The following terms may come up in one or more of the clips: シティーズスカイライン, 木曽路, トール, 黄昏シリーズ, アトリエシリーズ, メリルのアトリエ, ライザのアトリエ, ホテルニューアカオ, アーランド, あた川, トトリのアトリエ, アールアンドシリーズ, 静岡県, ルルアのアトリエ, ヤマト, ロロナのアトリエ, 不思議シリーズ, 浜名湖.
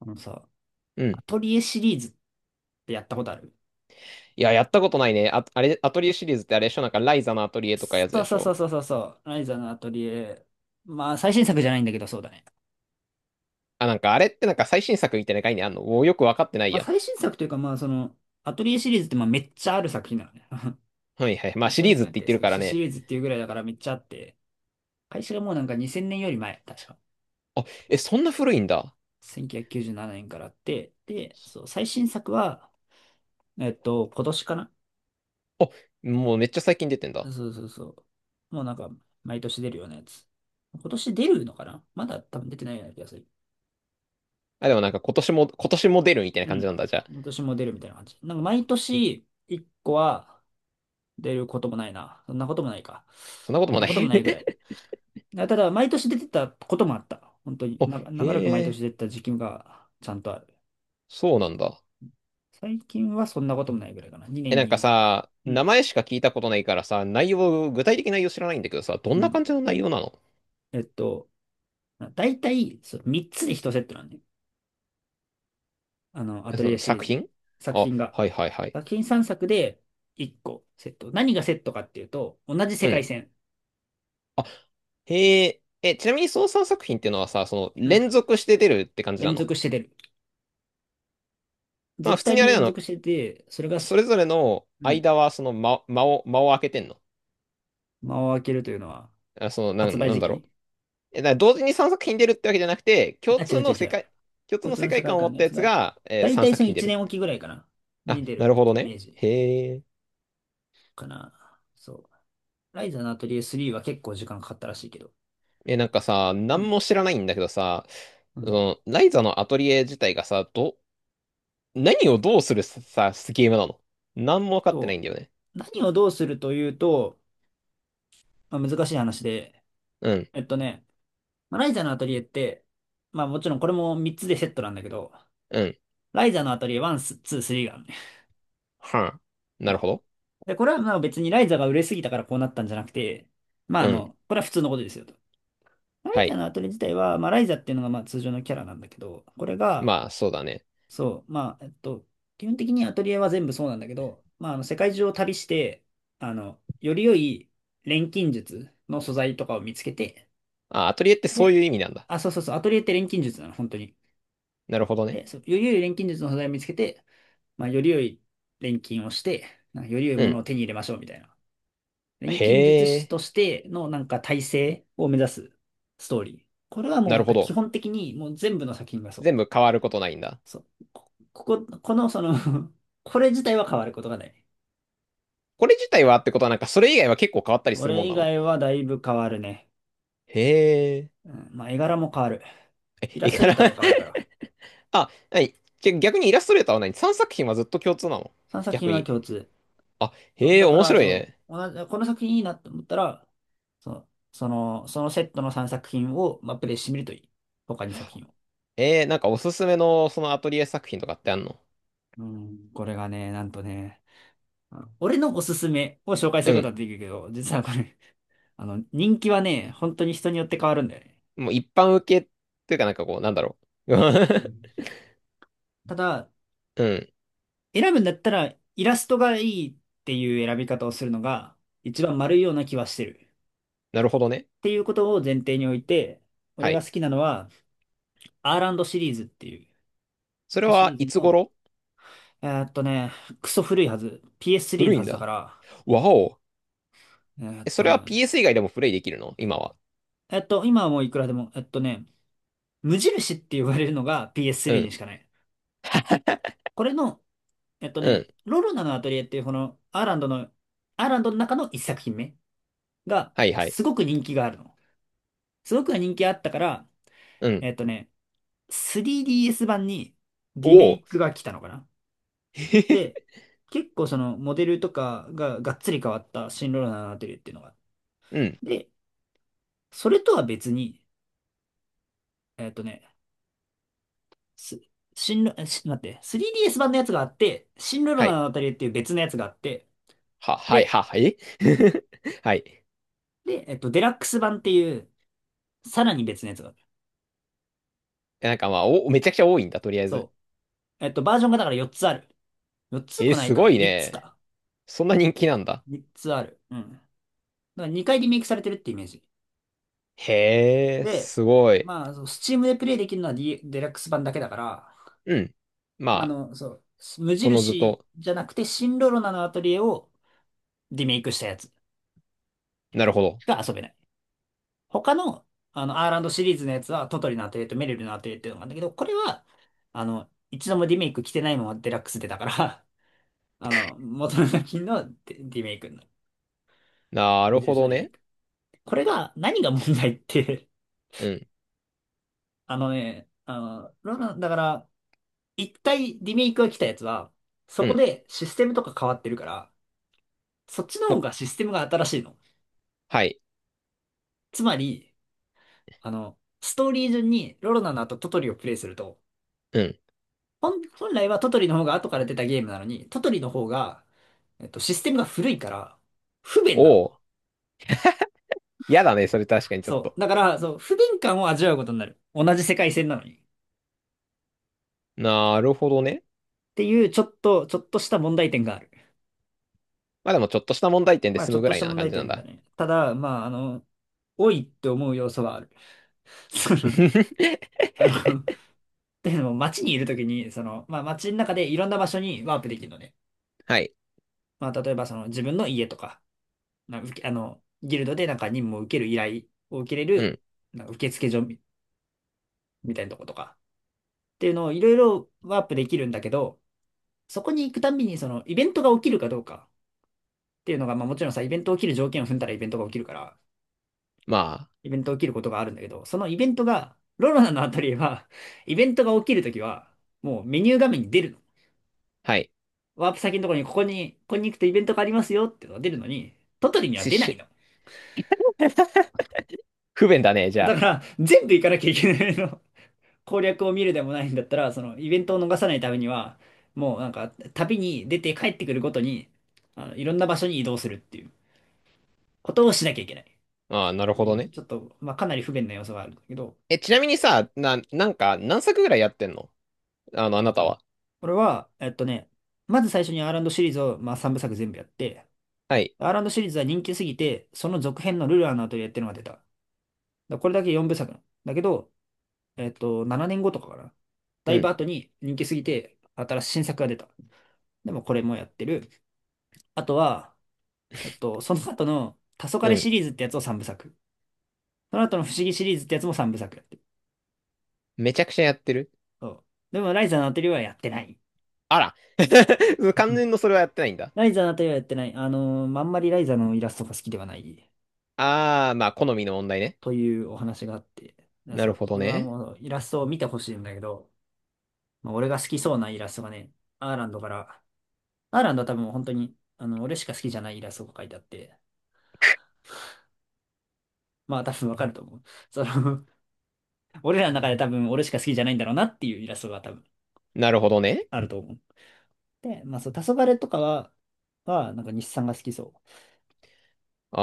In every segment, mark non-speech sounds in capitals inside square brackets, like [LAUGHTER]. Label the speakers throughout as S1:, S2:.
S1: あのさ、
S2: う
S1: ア
S2: ん。
S1: トリエシリーズってやったことある？
S2: いや、やったことないね。あ、あれ、アトリエシリーズってあれでしょ？なんか、ライザのアトリエとかやつ
S1: そう
S2: でし
S1: そうそう
S2: ょ？
S1: そうそうそう。ライザのアトリエ。まあ、最新作じゃないんだけど、そうだね。
S2: あ、なんか、あれってなんか最新作みたいな概念あんのお、よくわかってない
S1: まあ、
S2: や。
S1: 最新作というか、まあ、アトリエシリーズって、まあ、めっちゃある作品なのね。[LAUGHS]
S2: はいはい。まあ、
S1: めっ
S2: シ
S1: ちゃ
S2: リー
S1: 先
S2: ズっ
S1: な
S2: て
S1: ん
S2: 言っ
S1: て、
S2: て
S1: そ
S2: る
S1: ういう
S2: から
S1: シ
S2: ね。
S1: リーズっていうぐらいだからめっちゃあって、開始がもうなんか2000年より前、確か。
S2: あ、え、そんな古いんだ。
S1: 1997年からあって、で、そう、最新作は、今年かな。
S2: あ、もうめっちゃ最近出てん
S1: そ
S2: だ。
S1: うそうそう。もうなんか、毎年出るようなやつ。今年出るのかな。まだ多分出てないような気がする。
S2: あ、でもなんか今年も出るみたいな
S1: う
S2: 感じ
S1: ん。
S2: なんだ。じゃあ、
S1: 私も出るみたいな感じ。なんか毎年1個は出ることもないな。そんなこともないか。
S2: そんなこと
S1: そん
S2: も
S1: な
S2: な
S1: ことも
S2: い。
S1: ないぐらい。あ、ただ、毎年出てたこともあった。本当
S2: [LAUGHS]
S1: に、
S2: あ、
S1: 長ら
S2: へ
S1: く毎年
S2: え、
S1: 出てた時期がちゃんとある。
S2: そうなんだ。
S1: 最近はそんなこともないぐらいかな。2
S2: え、
S1: 年
S2: なんか
S1: に。
S2: さ、
S1: う
S2: 名
S1: ん。
S2: 前しか聞いたことないからさ、内容、具体的な内容知らないんだけどさ、ど
S1: う
S2: んな
S1: ん。
S2: 感じの内容なの？
S1: えっと、だいたいそう3つで1セットなんで。ア
S2: え
S1: ト
S2: そ
S1: リエ
S2: の
S1: シリー
S2: 作
S1: ズ。
S2: 品？
S1: 作
S2: あ、
S1: 品が。
S2: はいはいはい。
S1: 作品3作で1個セット。何がセットかっていうと、同じ世
S2: う
S1: 界
S2: ん。
S1: 線。
S2: あ、へえ、え、ちなみに操作作品っていうのはさ、その
S1: うん。
S2: 連続して出るって感じな
S1: 連
S2: の？
S1: 続して出る。
S2: まあ
S1: 絶
S2: 普通
S1: 対
S2: にあ
S1: に
S2: れな
S1: 連
S2: の、
S1: 続してて、それが、
S2: それぞれの
S1: うん。
S2: 間はその間、間を空けてんの？
S1: 間を空けるというのは、
S2: あ、その、な
S1: 発
S2: ん、
S1: 売
S2: なん
S1: 時
S2: だろ
S1: 期。
S2: う。だから同時に3作品出るってわけじゃなくて、
S1: あ、違う違う違う。
S2: 共通
S1: 共
S2: の
S1: 通
S2: 世
S1: の世
S2: 界
S1: 界
S2: 観を持
S1: 観
S2: っ
S1: のや
S2: たや
S1: つ
S2: つ
S1: が、
S2: が、
S1: だいた
S2: 3
S1: い
S2: 作
S1: その
S2: 品出
S1: 1
S2: る。
S1: 年おきぐらいかな。
S2: あ、
S1: に出
S2: なる
S1: る
S2: ほど
S1: イメ
S2: ね。
S1: ージ
S2: へえ。
S1: かな。そう。ライザのアトリエ3は結構時間かかったらしいけど。
S2: え、なんかさ、
S1: う
S2: 何
S1: ん。
S2: も知らないんだけどさ、
S1: う
S2: そ
S1: ん。
S2: の、ライザのアトリエ自体がさ、何をどうするさ、ゲームなの？何も分かってな
S1: と、
S2: いんだよね。
S1: 何をどうするというと、まあ、難しい話で、
S2: うん。
S1: えっとね、まあライザのアトリエって、まあもちろんこれも3つでセットなんだけど、
S2: うん、
S1: ライザのアトリエ1、2、3があるね。
S2: はん、なるほ
S1: そ
S2: ど。
S1: うで、これはまあ別にライザが売れすぎたからこうなったんじゃなくて、
S2: うん。
S1: これは普通のことですよと。ライ
S2: は
S1: ザ
S2: い。
S1: のアトリエ自体は、まあライザっていうのがまあ通常のキャラなんだけど、これが、
S2: まあ、そうだね。
S1: そう、まあ、基本的にアトリエは全部そうなんだけど、まああの世界中を旅して、より良い錬金術の素材とかを見つけて、
S2: あ、アトリエってそう
S1: で、
S2: いう意味なんだ。
S1: あ、そうそうそう、アトリエって錬金術なの、本当に。
S2: なるほどね。
S1: で、そう、より良い錬金術の素材を見つけて、まあより良い錬金をして、なんかより良い
S2: う
S1: ものを
S2: ん。
S1: 手に入れましょうみたいな。
S2: へ
S1: 錬金術師と
S2: え、
S1: してのなんか体制を目指すストーリー。これはも
S2: な
S1: うな
S2: る
S1: ん
S2: ほ
S1: か基
S2: ど。
S1: 本的にもう全部の作品がそう。
S2: 全部変わることないんだ。
S1: そう。このその [LAUGHS] これ自体は変わることがない。
S2: これ自体はってことは、なんかそれ以外は結構変わったり
S1: そ
S2: するも
S1: れ
S2: ん
S1: 以
S2: なの？
S1: 外はだいぶ変わるね。
S2: へえ。
S1: うん、まあ絵柄も変わる。
S2: え、
S1: イラ
S2: 絵
S1: ストレ
S2: 柄？
S1: ーターが変わるから。
S2: [LAUGHS] あ、はい。じゃ、逆にイラストレーターは何 ?3 作品はずっと共通なの？
S1: 3作品
S2: 逆
S1: は
S2: に。
S1: 共通。
S2: あ、
S1: そう
S2: へえ、
S1: だか
S2: 面
S1: ら、
S2: 白い
S1: そ
S2: ね。
S1: う、同じ、この作品いいなと思ったら、そのセットの3作品を、まあ、プレイしてみるといい。他に作品を。
S2: なんかおすすめのそのアトリエ作品とかってあんの？
S1: うん、これがね、なんとね、あの俺のおすすめを紹介す
S2: う
S1: るこ
S2: ん。
S1: とはできるけど、実はこれ、[LAUGHS] あの、人気はね、本当に人によって変わるんだよね。
S2: もう一般受けっていうかなんかこう、なんだろう。
S1: う
S2: [LAUGHS]
S1: ん。ただ、
S2: うん。
S1: 選ぶんだったら、イラストがいいっていう選び方をするのが、一番丸いような気はしてる。
S2: なるほどね。
S1: っていうことを前提において、俺
S2: は
S1: が
S2: い。
S1: 好きなのは、アールアンドシリーズってい
S2: それ
S1: う、シ
S2: は
S1: リーズ
S2: いつ
S1: の、
S2: 頃？
S1: えーっとね、クソ古いはず、PS3
S2: 古
S1: の
S2: い
S1: は
S2: ん
S1: ずだか
S2: だ。
S1: ら、
S2: わお。え、それは
S1: ね、
S2: PS 以外でもプレイできるの今は？
S1: えっと、今はもういくらでも、無印って呼ばれるのが
S2: う
S1: PS3 に
S2: ん。
S1: しかない。これの
S2: うん。
S1: ロロナのアトリエっていうこのアーランドの、アーランドの中の一作品目が
S2: はいはい。
S1: すごく人気があるの。すごく人気あったから、
S2: うん。
S1: えっとね、3DS 版に
S2: お
S1: リメイ
S2: お。
S1: クが来たのかな。で、
S2: [LAUGHS]
S1: 結構そのモデルとかががっつり変わった新ロロナのアトリエっていうのが。
S2: うん。
S1: で、それとは別に、えっとね、す新ロ、えし待って、3DS 版のやつがあって、新ロロ
S2: は
S1: ナ
S2: い。
S1: のアトリエっていう別のやつがあって、
S2: は、はい、は、
S1: で、
S2: はい。[LAUGHS] はい。
S1: で、デラックス版っていうさらに別のやつがある。
S2: なんかまあ、めちゃくちゃ多いんだ、とりあえず。
S1: そう。バージョンがだから4つある。4つもない
S2: す
S1: か。
S2: ごい
S1: 3つ
S2: ね。
S1: か。
S2: そんな人気なんだ。
S1: 3つある。うん。だから2回リメイクされてるってイメージ。
S2: へえ、
S1: で、
S2: すごい。
S1: まあ、そう、s t でプレイできるのは、デラックス版だけだから、
S2: うん。ま
S1: まあ
S2: あ、
S1: の、そう、無
S2: おのず
S1: 印
S2: と。
S1: じゃなくて、シンロロナのアトリエをリメイクしたやつ
S2: なるほど。
S1: しか遊べない。他の、あの、アーランドシリーズのやつは、トトリのアトリエとメリルのアトリエっていうのがあるんだけど、これは、一度もリメイク来てないままデラックスでだから、[LAUGHS] あの、元の作品のデリメイクになる。
S2: な
S1: 無
S2: るほ
S1: 印の
S2: ど
S1: リメイ
S2: ね。
S1: ク。これが、何が問題って
S2: うん。
S1: [LAUGHS] ロナだから、一回リメイクが来たやつは、そ
S2: う
S1: こ
S2: ん。
S1: でシステムとか変わってるから、そっちの
S2: も
S1: 方
S2: う、
S1: がシステムが新しいの。
S2: はい。
S1: つまり、ストーリー順にロロナの後トトリをプレイすると、
S2: うん。
S1: 本来はトトリの方が後から出たゲームなのに、トトリの方が、システムが古いから、不便
S2: お
S1: なの。
S2: お。やだね、それ確かにちょっ
S1: そ
S2: と。
S1: う。だから、そう、不便感を味わうことになる。同じ世界線なのに。っ
S2: なるほどね。
S1: ていう、ちょっとした問題点がある。
S2: まあでもちょっとした問題点で
S1: まあ、
S2: 済
S1: ちょ
S2: む
S1: っ
S2: ぐ
S1: と
S2: ら
S1: し
S2: い
S1: た
S2: な
S1: 問
S2: 感
S1: 題
S2: じなん
S1: 点だ
S2: だ。
S1: ね。ただ、多いって思う要素はある。[LAUGHS] その、
S2: [LAUGHS]
S1: あの、っていうのも、街にいるときに、まあ、街の中でいろんな場所にワープできるのね。
S2: はい。
S1: まあ、例えば、自分の家とか、なあ、受けあの、ギルドでなんか任務を受ける依頼を受けれ
S2: う
S1: る、
S2: ん。
S1: なんか受付所みみたいなとことか、っていうのをいろいろワープできるんだけど、そこに行くたんびに、イベントが起きるかどうかっていうのが、まあ、もちろんさ、イベント起きる条件を踏んだらイベントが起きるから、
S2: まあ、
S1: イベント起きることがあるんだけど、そのイベントが、ロロナのアトリエは、[LAUGHS] イベントが起きるときは、もうメニュー画面に出るの。
S2: はい。
S1: ワープ先のところに、ここに行くとイベントがありますよっていうのが出るのに、トトリには
S2: し
S1: 出ないの。
S2: し不便だね、じ
S1: だ
S2: ゃ
S1: から、全部行かなきゃいけないの。攻略を見るでもないんだったら、そのイベントを逃さないためには、もうなんか、旅に出て帰ってくるごとに、いろんな場所に移動するっていうことをしなきゃいけない。っ
S2: あ。ああ、なる
S1: て
S2: ほ
S1: いう
S2: どね。
S1: ちょっと、まあ、かなり不便な要素があるんだけど、
S2: え、ちなみにさ、なんか何作ぐらいやってんの？あの、あなたは。
S1: これは、まず最初にアーランドシリーズを、まあ、3部作全部やって、
S2: はい。
S1: アーランドシリーズは人気すぎて、その続編のルルアのアトリエっていうのが出た。だからこれだけ4部作だけど、7年後とかかな。だ
S2: う
S1: いぶ
S2: ん。
S1: 後に人気すぎて、新しい新作が出た。でもこれもやってる。あとは、その後の黄
S2: う
S1: 昏
S2: ん。
S1: シリーズってやつを3部作。その後の不思議シリーズってやつも3部作やってる。
S2: めちゃくちゃやってる。
S1: そう。でもライザーのアトリエはやってない。
S2: あら。[LAUGHS] 完
S1: [LAUGHS]
S2: 全のそれはやってないんだ。
S1: ライザーのあたりはやってない。まああんまりライザーのイラストが好きではない。
S2: ああ、まあ、好みの問題ね。
S1: というお話があって、
S2: な
S1: そ
S2: る
S1: う、
S2: ほど
S1: 俺は
S2: ね。
S1: もうイラストを見てほしいんだけど、まあ、俺が好きそうなイラストがね、アーランドから、アーランドは多分本当に、俺しか好きじゃないイラストが書いてあって、まあ多分わかると思う。その、[LAUGHS] 俺らの中で多分俺しか好きじゃないんだろうなっていうイラストが多分
S2: なるほどね。
S1: あると思う。で、まあそう、黄昏とかは、なんか日産が好きそう。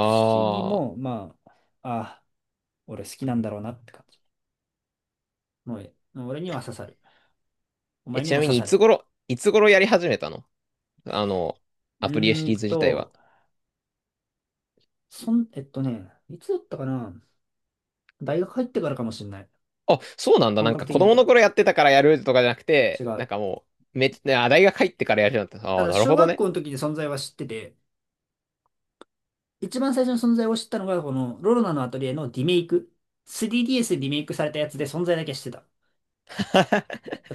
S1: 不思議
S2: あ。
S1: も、まあ、ああ、俺好きなんだろうなって感じ。もう俺には刺さる。お
S2: え、
S1: 前に
S2: ちな
S1: も
S2: み
S1: 刺
S2: にい
S1: さ
S2: つ
S1: れ。
S2: 頃、いつ頃やり始めたの？あの、
S1: う
S2: アトリエシ
S1: ーん
S2: リーズ自体は。
S1: と、そん、えっとね、いつだったかな。大学入ってからかもしれない。
S2: あ、そうなんだ。
S1: 本
S2: なん
S1: 格
S2: か
S1: 的
S2: 子
S1: にやっ
S2: 供
S1: た
S2: の
S1: の。
S2: 頃やってたからやるとかじゃなく
S1: 違
S2: て、なん
S1: う。
S2: かもう、めっちゃ、あ、大学入ってからやるようになった。
S1: た
S2: ああ、
S1: だ、
S2: なる
S1: 小
S2: ほど
S1: 学校
S2: ね。
S1: の時に存在は知ってて、一番最初の存在を知ったのが、この、ロロナのアトリエのリメイク。3DS でリメイクされたやつで存在だけ知ってた。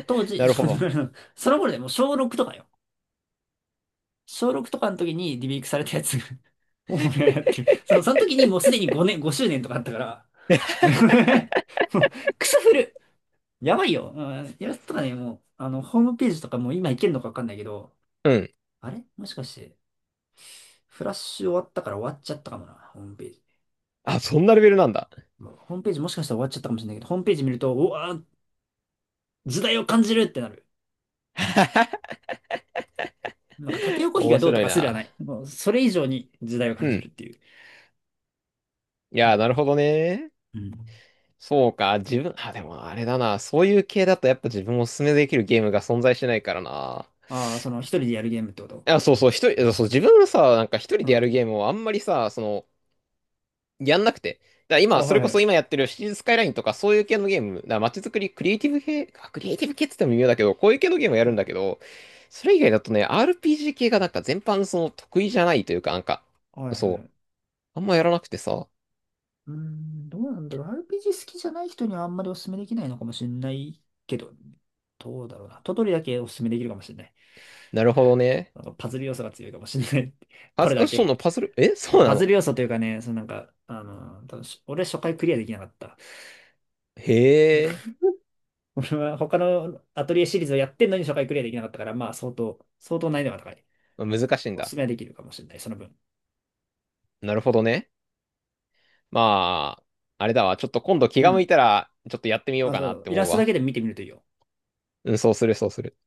S1: 当時、
S2: なるほど。
S1: [LAUGHS] その頃でもう小6とかよ。小6とかの時にリメイクされたやつを俺はやってる。その時にもうすでに5年、5周年とかあったから、もう [LAUGHS] もうクソ古やばいよ。うん、やつとかね、もう、ホームページとかもう今いけるのかわかんないけど、
S2: うん。
S1: あれもしかして、フラッシュ終わったから終わっちゃったかもな、ホームページ。
S2: あ、そんなレベルなんだ。
S1: もうホームページもしかしたら終わっちゃったかもしれないけど、ホームページ見ると、うわー、時代を感じるってなる。
S2: [LAUGHS]
S1: なんか縦横比が
S2: 面
S1: どうと
S2: 白い
S1: かすらな
S2: な。
S1: い。もうそれ以上に時代を感
S2: う
S1: じる
S2: ん。
S1: っていう。
S2: い
S1: う
S2: やー、
S1: ん。
S2: なるほどね。
S1: うん、
S2: そうか。自分、あ、でもあれだな。そういう系だとやっぱ自分おすすめできるゲームが存在しないからな。
S1: ああ、その一人でやるゲームってこと？
S2: いや、そうそう、一人、そう、自分はさ、なんか一人
S1: う
S2: でや
S1: ん。
S2: るゲームをあんまりさ、その、やんなくて。だから
S1: あ、
S2: 今、そ
S1: はい
S2: れ
S1: は
S2: こそ
S1: い。
S2: 今やってるシティーズスカイラインとかそういう系のゲーム、街づくり、クリエイティブ系、あ、クリエイティブ系って言っても微妙だけど、こういう系のゲームをや
S1: う
S2: るんだ
S1: ん。
S2: けど、それ以外だとね、RPG 系がなんか全般その得意じゃないというか、なんか、
S1: はいはい
S2: そ
S1: は
S2: う、
S1: い。
S2: あんまやらなくてさ。
S1: うーん、どうなんだろう。RPG 好きじゃない人にはあんまりお勧めできないのかもしれないけど、どうだろうな。トトリだけお勧めできるかもしれない。
S2: なるほどね。
S1: なんかパズル要素が強いかもしれない。[LAUGHS] これだ
S2: そ
S1: け。
S2: のパズル、え、
S1: ま
S2: そ
S1: あ、
S2: うな
S1: パズ
S2: の？
S1: ル要素というかね、なんか、多分俺初回クリアできなかった。
S2: へえ、
S1: 俺は他のアトリエシリーズをやってんのに初回クリアできなかったから、まあ相当難易度が高い。
S2: まあ難しいん
S1: お
S2: だ。
S1: 勧めはできるかもしれない、その分。
S2: なるほどね。まあ、あれだわ。ちょっと今度気
S1: う
S2: が向
S1: ん。
S2: いたら、ちょっとやってみよう
S1: あ、
S2: か
S1: そ
S2: なっ
S1: う。
S2: て
S1: イラ
S2: 思う
S1: ストだけ
S2: わ。
S1: で見てみるといいよ。
S2: うん、そうする、そうする。